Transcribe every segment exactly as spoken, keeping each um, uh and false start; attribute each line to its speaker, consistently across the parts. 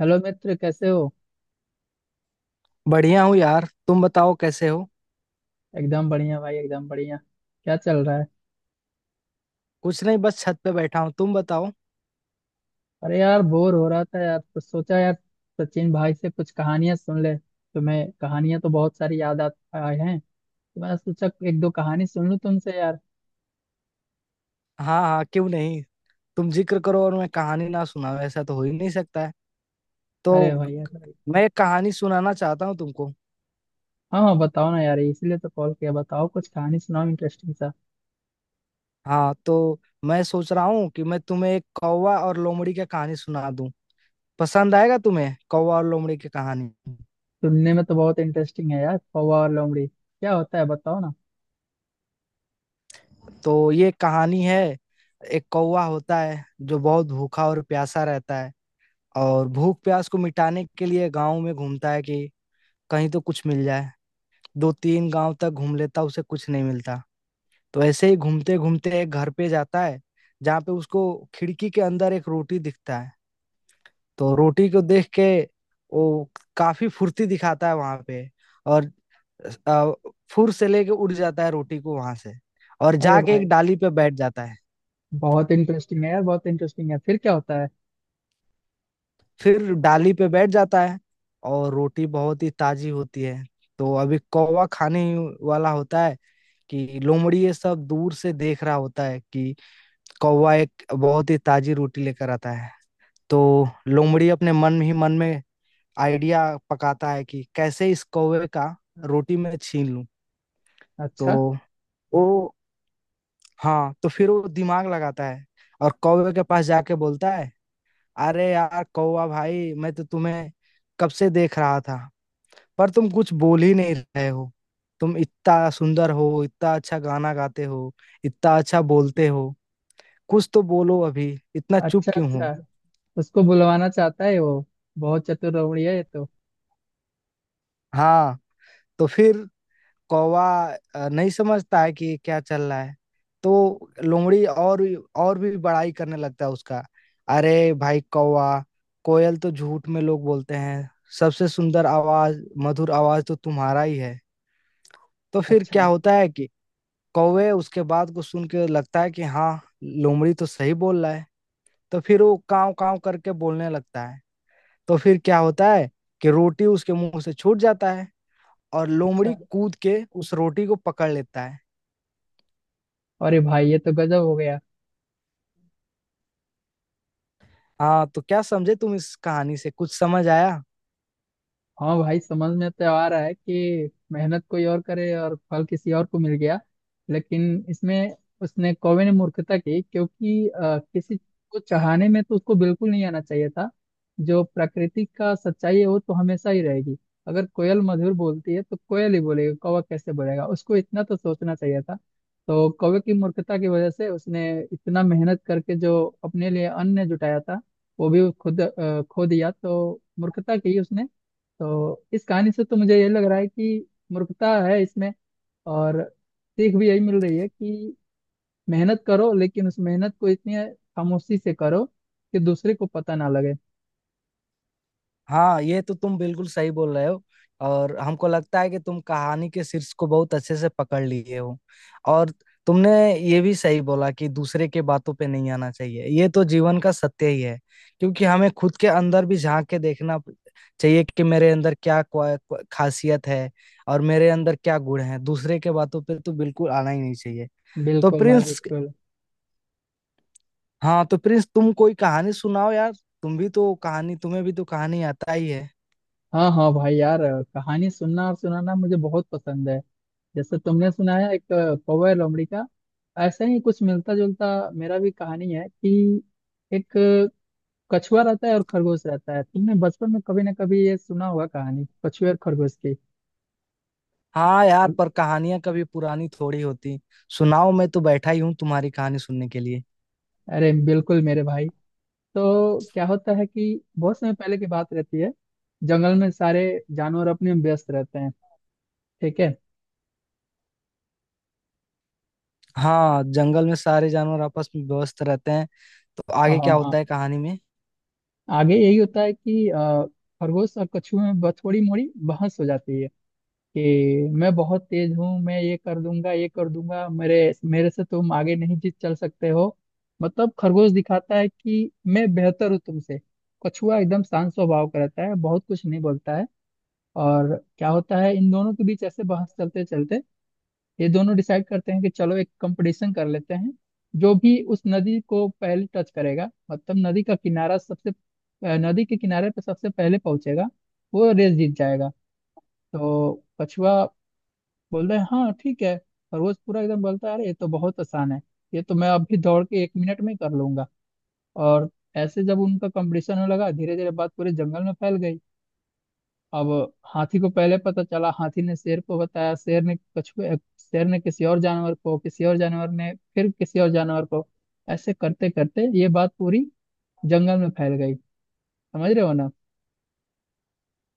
Speaker 1: Hello मित्र, कैसे हो?
Speaker 2: बढ़िया हूँ यार। तुम बताओ कैसे हो।
Speaker 1: एकदम बढ़िया भाई, एकदम बढ़िया। क्या चल रहा है?
Speaker 2: कुछ नहीं, बस छत पे बैठा हूँ, तुम बताओ।
Speaker 1: अरे यार, बोर हो रहा था यार, तो सोचा यार सचिन भाई से कुछ कहानियां सुन ले। तुम्हें कहानियां तो बहुत सारी याद आ- आए हैं, तो मैंने सोचा एक दो कहानी सुन लूं तुमसे यार।
Speaker 2: हाँ हाँ क्यों नहीं। तुम जिक्र करो और मैं कहानी ना सुनाऊँ, ऐसा तो हो ही नहीं सकता है।
Speaker 1: अरे
Speaker 2: तो
Speaker 1: भाई, यार भाई।
Speaker 2: मैं एक कहानी सुनाना चाहता हूँ तुमको।
Speaker 1: हाँ हाँ, बताओ ना यार, इसलिए तो कॉल किया। बताओ कुछ कहानी सुनाओ इंटरेस्टिंग सा।
Speaker 2: हाँ तो मैं सोच रहा हूँ कि मैं तुम्हें एक कौवा और लोमड़ी की कहानी सुना दूँ। पसंद आएगा तुम्हें कौवा और लोमड़ी की कहानी।
Speaker 1: सुनने में तो बहुत इंटरेस्टिंग है यार, कौवा और लोमड़ी क्या होता है, बताओ ना।
Speaker 2: तो ये कहानी है। एक कौवा होता है जो बहुत भूखा और प्यासा रहता है। और भूख प्यास को मिटाने के लिए गाँव में घूमता है कि कहीं तो कुछ मिल जाए। दो तीन गांव तक घूम लेता उसे कुछ नहीं मिलता। तो ऐसे ही घूमते घूमते एक घर पे जाता है जहाँ पे उसको खिड़की के अंदर एक रोटी दिखता है। तो रोटी को देख के वो काफी फुर्ती दिखाता है वहां पे और अ, फुर से लेके उड़ जाता है रोटी को वहां से। और
Speaker 1: अरे
Speaker 2: जाके एक
Speaker 1: भाई,
Speaker 2: डाली पे बैठ जाता है।
Speaker 1: बहुत इंटरेस्टिंग है यार, बहुत इंटरेस्टिंग है। फिर क्या होता है?
Speaker 2: फिर डाली पे बैठ जाता है और रोटी बहुत ही ताजी होती है। तो अभी कौवा खाने ही वाला होता है कि लोमड़ी ये सब दूर से देख रहा होता है कि कौवा एक बहुत ही ताजी रोटी लेकर आता है। तो लोमड़ी अपने मन ही मन में आइडिया पकाता है कि कैसे इस कौवे का रोटी में छीन लूं। तो
Speaker 1: अच्छा
Speaker 2: वो हाँ तो फिर वो दिमाग लगाता है और कौवे के पास जाके बोलता है, अरे यार कौवा भाई, मैं तो तुम्हें कब से देख रहा था पर तुम कुछ बोल ही नहीं रहे हो। तुम इतना सुंदर हो, इतना अच्छा गाना गाते हो, इतना अच्छा बोलते हो। कुछ तो बोलो अभी, इतना चुप
Speaker 1: अच्छा।
Speaker 2: क्यों हो।
Speaker 1: अच्छा, उसको बुलवाना चाहता है वो। बहुत चतुर लोमड़ी है ये तो।
Speaker 2: हाँ तो फिर कौवा अ, नहीं समझता है कि क्या चल रहा है। तो लोमड़ी और और भी बड़ाई करने लगता है उसका। अरे भाई कौवा, कोयल तो झूठ में लोग बोलते हैं, सबसे सुंदर आवाज, मधुर आवाज तो तुम्हारा ही है। तो फिर क्या
Speaker 1: अच्छा
Speaker 2: होता है कि कौवे उसके बात को सुन के लगता है कि हाँ, लोमड़ी तो सही बोल रहा है। तो फिर वो काव काव करके बोलने लगता है। तो फिर क्या होता है कि रोटी उसके मुंह से छूट जाता है और लोमड़ी
Speaker 1: अच्छा।
Speaker 2: कूद के उस रोटी को पकड़ लेता है।
Speaker 1: अरे भाई, ये तो गजब हो गया।
Speaker 2: हाँ तो क्या समझे तुम इस कहानी से, कुछ समझ आया।
Speaker 1: हाँ भाई, समझ में तो आ रहा है कि मेहनत कोई और करे और फल किसी और को मिल गया। लेकिन इसमें उसने कौवे ने मूर्खता की, क्योंकि अ, किसी को चाहने में तो उसको बिल्कुल नहीं आना चाहिए था। जो प्रकृति का सच्चाई है वो तो हमेशा ही रहेगी। अगर कोयल मधुर बोलती है तो कोयल ही बोलेगा, कौवा कैसे बोलेगा, उसको इतना तो सोचना चाहिए था। तो कौवे की मूर्खता की वजह से उसने इतना मेहनत करके जो अपने लिए अन्न जुटाया था, वो भी खुद अ, खो दिया। तो मूर्खता की उसने। तो इस कहानी से तो मुझे ये लग रहा है कि मूर्खता है इसमें, और सीख भी यही मिल रही है कि मेहनत करो, लेकिन उस मेहनत को इतनी खामोशी से करो कि दूसरे को पता ना लगे।
Speaker 2: हाँ ये तो तुम बिल्कुल सही बोल रहे हो। और हमको लगता है कि तुम कहानी के शीर्ष को बहुत अच्छे से पकड़ लिए हो। और तुमने ये भी सही बोला कि दूसरे के बातों पे नहीं आना चाहिए, ये तो जीवन का सत्य ही है। क्योंकि हमें खुद के अंदर भी झांक के देखना चाहिए कि मेरे अंदर क्या क्वा- क्वा- खासियत है। और मेरे अंदर क्या गुण है, दूसरे के बातों पे तो बिल्कुल आना ही नहीं चाहिए। तो
Speaker 1: बिल्कुल भाई,
Speaker 2: प्रिंस
Speaker 1: बिल्कुल।
Speaker 2: हाँ तो प्रिंस तुम कोई कहानी सुनाओ यार। तुम भी तो कहानी, तुम्हें भी तो कहानी आता ही है।
Speaker 1: हाँ हाँ भाई यार, कहानी सुनना और सुनाना मुझे बहुत पसंद है। जैसे तुमने सुनाया एक कौवा लोमड़ी का, ऐसा ही कुछ मिलता जुलता मेरा भी कहानी है कि एक कछुआ रहता है और खरगोश रहता है। तुमने बचपन में कभी ना कभी ये सुना होगा, कहानी कछुए और खरगोश की।
Speaker 2: हाँ यार, पर कहानियां कभी पुरानी थोड़ी होती। सुनाओ, मैं तो बैठा ही हूँ तुम्हारी कहानी सुनने के लिए।
Speaker 1: अरे बिल्कुल मेरे भाई। तो क्या होता है कि बहुत समय पहले की बात रहती है, जंगल में सारे जानवर अपने में व्यस्त रहते हैं, ठीक है?
Speaker 2: हाँ, जंगल में सारे जानवर आपस में व्यस्त रहते हैं। तो
Speaker 1: हाँ
Speaker 2: आगे क्या होता
Speaker 1: हाँ।
Speaker 2: है कहानी में।
Speaker 1: आगे यही होता है कि अ, खरगोश और कछुए में ब- थोड़ी मोड़ी बहस हो जाती है कि मैं बहुत तेज हूँ, मैं ये कर दूंगा ये कर दूंगा, मेरे मेरे से तुम आगे नहीं जीत चल सकते हो। मतलब खरगोश दिखाता है कि मैं बेहतर हूँ तुमसे। कछुआ एकदम शांत स्वभाव का रहता है, बहुत कुछ नहीं बोलता है। और क्या होता है इन दोनों के बीच ऐसे बहस चलते चलते ये दोनों डिसाइड करते हैं कि चलो एक कंपटीशन कर लेते हैं। जो भी उस नदी को पहले टच करेगा, मतलब नदी का किनारा सबसे अ, नदी के किनारे पे सबसे पहले पहुंचेगा, वो रेस जीत जाएगा। तो कछुआ बोल रहे हैं हाँ ठीक है। खरगोश पूरा एकदम बोलता है, अरे ये तो बहुत आसान है, ये तो मैं अभी दौड़ के एक मिनट में कर लूंगा। और ऐसे जब उनका कंपटीशन होने लगा, धीरे धीरे बात पूरे जंगल में फैल गई। अब हाथी को पहले पता चला, हाथी ने शेर को बताया, शेर ने कछुए शेर ने किसी और जानवर को, किसी और जानवर ने फिर किसी और जानवर को, ऐसे करते करते ये बात पूरी जंगल में फैल गई। समझ रहे हो ना?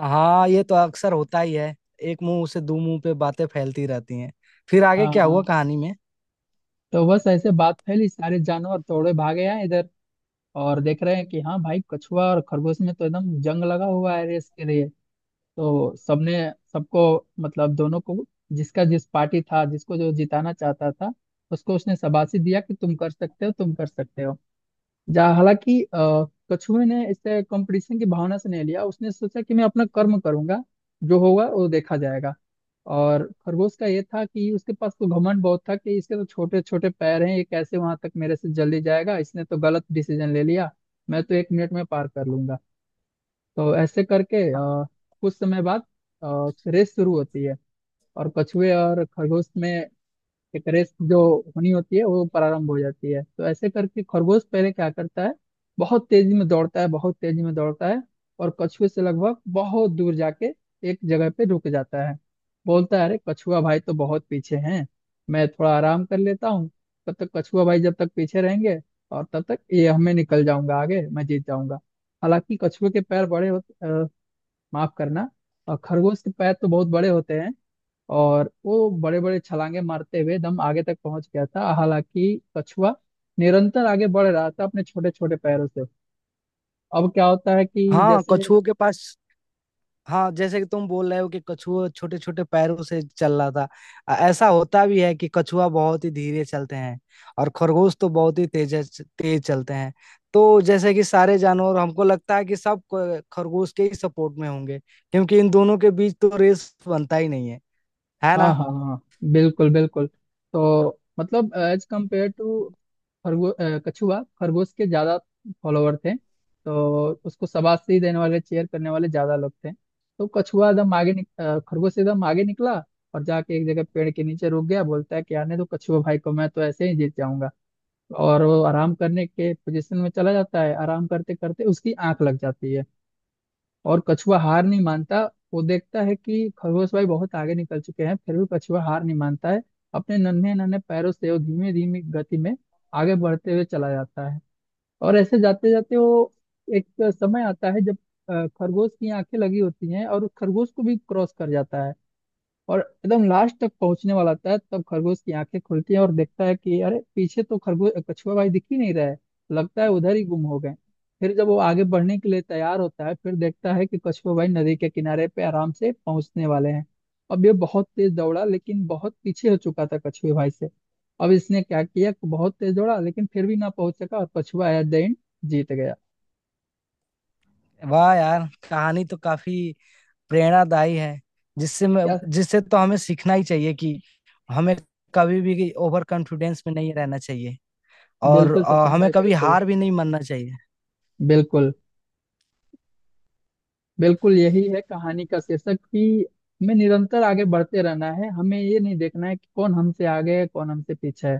Speaker 2: हाँ ये तो अक्सर होता ही है। एक मुंह से दो मुंह पे बातें फैलती रहती हैं। फिर आगे
Speaker 1: हाँ
Speaker 2: क्या हुआ
Speaker 1: हाँ।
Speaker 2: कहानी में।
Speaker 1: तो बस ऐसे बात फैली, सारे जानवर दौड़े भागे आए इधर, और देख रहे हैं कि हाँ भाई, कछुआ और खरगोश में तो एकदम जंग लगा हुआ है रेस के लिए। तो सबने सबको, मतलब दोनों को, जिसका जिस पार्टी था, जिसको जो जिताना चाहता था, उसको उसने शाबाशी दिया कि तुम कर सकते हो तुम कर सकते हो। जा हालांकि अ, कछुए ने इसे कंपटीशन की भावना से नहीं लिया, उसने सोचा कि मैं अपना कर्म करूंगा, जो होगा वो देखा जाएगा। और खरगोश का ये था कि उसके पास तो घमंड बहुत था कि इसके तो छोटे छोटे पैर हैं, ये कैसे वहां तक मेरे से जल्दी जाएगा, इसने तो गलत डिसीजन ले लिया। मैं तो एक मिनट में पार कर लूंगा। तो ऐसे करके अ, कुछ समय बाद अ, रेस शुरू होती है, और कछुए और खरगोश में कि रेस जो होनी होती है वो प्रारंभ हो जाती है। तो ऐसे करके खरगोश पहले क्या करता है, बहुत तेजी में दौड़ता है, बहुत तेजी में दौड़ता है, और कछुए से लगभग बहुत दूर जाके एक जगह पे रुक जाता है। बोलता है, अरे कछुआ भाई तो बहुत पीछे हैं, मैं थोड़ा आराम कर लेता हूँ, तब तक कछुआ भाई जब तक पीछे रहेंगे और तब तक ये हमें निकल जाऊंगा आगे, मैं जीत जाऊंगा। हालांकि कछुए के पैर बड़े होते अ, माफ करना, और खरगोश के पैर तो बहुत बड़े होते हैं, और वो बड़े बड़े छलांगे मारते हुए दम आगे तक पहुंच गया था। हालांकि कछुआ निरंतर आगे बढ़ रहा था अपने छोटे छोटे पैरों से। अब क्या होता है कि
Speaker 2: हाँ
Speaker 1: जैसे,
Speaker 2: कछुओं के पास, हाँ जैसे कि तुम बोल रहे हो कि कछुआ छोटे छोटे पैरों से चल रहा था। अ, ऐसा होता भी है कि कछुआ बहुत ही धीरे चलते हैं। और खरगोश तो बहुत ही तेज तेज चलते हैं। तो जैसे कि सारे जानवर, हमको लगता है कि सब क- खरगोश के ही सपोर्ट में होंगे। क्योंकि इन दोनों के बीच तो रेस बनता ही नहीं है, है
Speaker 1: हाँ
Speaker 2: ना।
Speaker 1: हाँ हाँ, बिल्कुल बिल्कुल। तो मतलब एज कम्पेयर टू खरगोश, कछुआ खरगोश के ज्यादा फॉलोवर थे, तो उसको शाबाशी देने वाले चेयर करने वाले ज्यादा लोग थे। तो कछुआ एकदम आगे निक, अ, खरगोश एकदम आगे निकला और जाके एक जगह पेड़ के नीचे रुक गया। बोलता है कि आने दो कछुआ भाई को, मैं तो ऐसे ही जीत जाऊंगा। और वो आराम करने के पोजीशन में चला जाता है, आराम करते करते उसकी आंख लग जाती है। और कछुआ हार नहीं मानता। वो देखता है कि खरगोश भाई बहुत आगे निकल चुके हैं, फिर भी कछुआ हार नहीं मानता है, अपने नन्हे नन्हे पैरों से वो धीमे धीमे गति में आगे बढ़ते हुए चला जाता है। और ऐसे जाते जाते वो एक समय आता है जब अ, खरगोश की आंखें लगी होती हैं, और उस खरगोश को भी क्रॉस कर जाता है, और एकदम लास्ट तक पहुंचने वाला होता है, तब खरगोश की आंखें खुलती हैं और देखता है कि अरे पीछे तो खरगोश कछुआ भाई दिख ही नहीं रहा है, लगता है उधर ही गुम हो गए। फिर जब वो आगे बढ़ने के लिए तैयार होता है, फिर देखता है कि कछुआ भाई नदी के किनारे पे आराम से पहुंचने वाले हैं। अब ये बहुत तेज दौड़ा, लेकिन बहुत पीछे हो चुका था कछुए भाई से। अब इसने क्या किया कि बहुत तेज दौड़ा, लेकिन फिर भी ना पहुंच सका, और कछुआ एट द एंड जीत गया।
Speaker 2: वाह यार, कहानी तो काफी प्रेरणादायी है। जिससे मैं,
Speaker 1: क्या?
Speaker 2: जिससे तो हमें सीखना ही चाहिए कि हमें कभी भी ओवर कॉन्फिडेंस में नहीं रहना चाहिए। और
Speaker 1: बिल्कुल
Speaker 2: अ,
Speaker 1: सचिन
Speaker 2: हमें
Speaker 1: भाई,
Speaker 2: कभी
Speaker 1: बिल्कुल।
Speaker 2: हार भी नहीं मानना चाहिए।
Speaker 1: बिल्कुल बिल्कुल यही है कहानी का शीर्षक कि हमें निरंतर आगे बढ़ते रहना है, हमें ये नहीं देखना है कि कौन हमसे आगे है कौन हमसे पीछे है।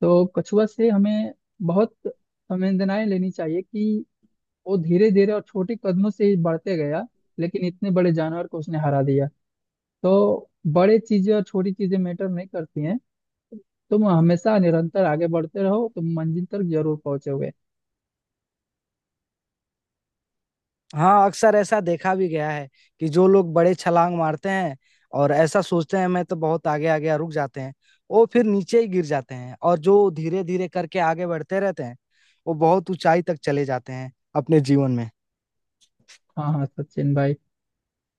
Speaker 1: तो कछुआ से हमें बहुत संवेदनाएं लेनी चाहिए कि वो धीरे धीरे और छोटे कदमों से ही बढ़ते गया, लेकिन इतने बड़े जानवर को उसने हरा दिया। तो बड़े चीजें और छोटी चीजें मैटर नहीं करती हैं। तुम हमेशा निरंतर आगे बढ़ते रहो, तुम मंजिल तक जरूर पहुंचोगे।
Speaker 2: हाँ अक्सर ऐसा देखा भी गया है कि जो लोग बड़े छलांग मारते हैं और ऐसा सोचते हैं मैं तो बहुत आगे आ गया, रुक जाते हैं, वो फिर नीचे ही गिर जाते हैं। और जो धीरे धीरे करके आगे बढ़ते रहते हैं, वो बहुत ऊंचाई तक चले जाते हैं अपने जीवन में।
Speaker 1: हाँ हाँ सचिन भाई।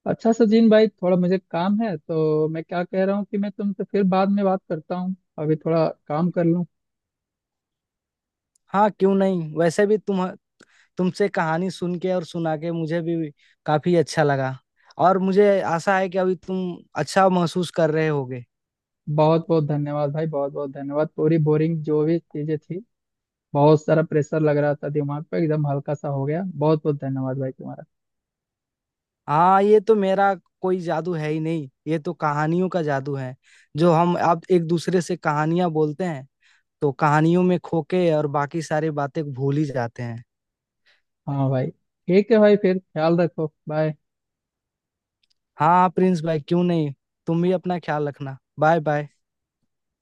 Speaker 1: अच्छा सचिन भाई, थोड़ा मुझे काम है, तो मैं क्या कह रहा हूँ कि मैं तुमसे फिर बाद में बात करता हूँ, अभी थोड़ा काम कर लूँ।
Speaker 2: हाँ क्यों नहीं। वैसे भी तुम, तुमसे कहानी सुन के और सुना के मुझे भी काफी अच्छा लगा। और मुझे आशा है कि अभी तुम अच्छा महसूस कर रहे होगे।
Speaker 1: बहुत बहुत धन्यवाद भाई, बहुत बहुत धन्यवाद। पूरी बोरिंग जो भी चीजें थी, बहुत सारा प्रेशर लग रहा था दिमाग पे, एकदम हल्का सा हो गया। बहुत बहुत धन्यवाद भाई तुम्हारा।
Speaker 2: हाँ ये तो मेरा कोई जादू है ही नहीं, ये तो कहानियों का जादू है। जो हम अब एक दूसरे से कहानियां बोलते हैं तो कहानियों में खोके और बाकी सारी बातें भूल ही जाते हैं।
Speaker 1: हाँ भाई, ठीक है भाई, फिर ख्याल रखो। बाय।
Speaker 2: हाँ प्रिंस भाई क्यों नहीं। तुम भी अपना ख्याल रखना। Bye bye.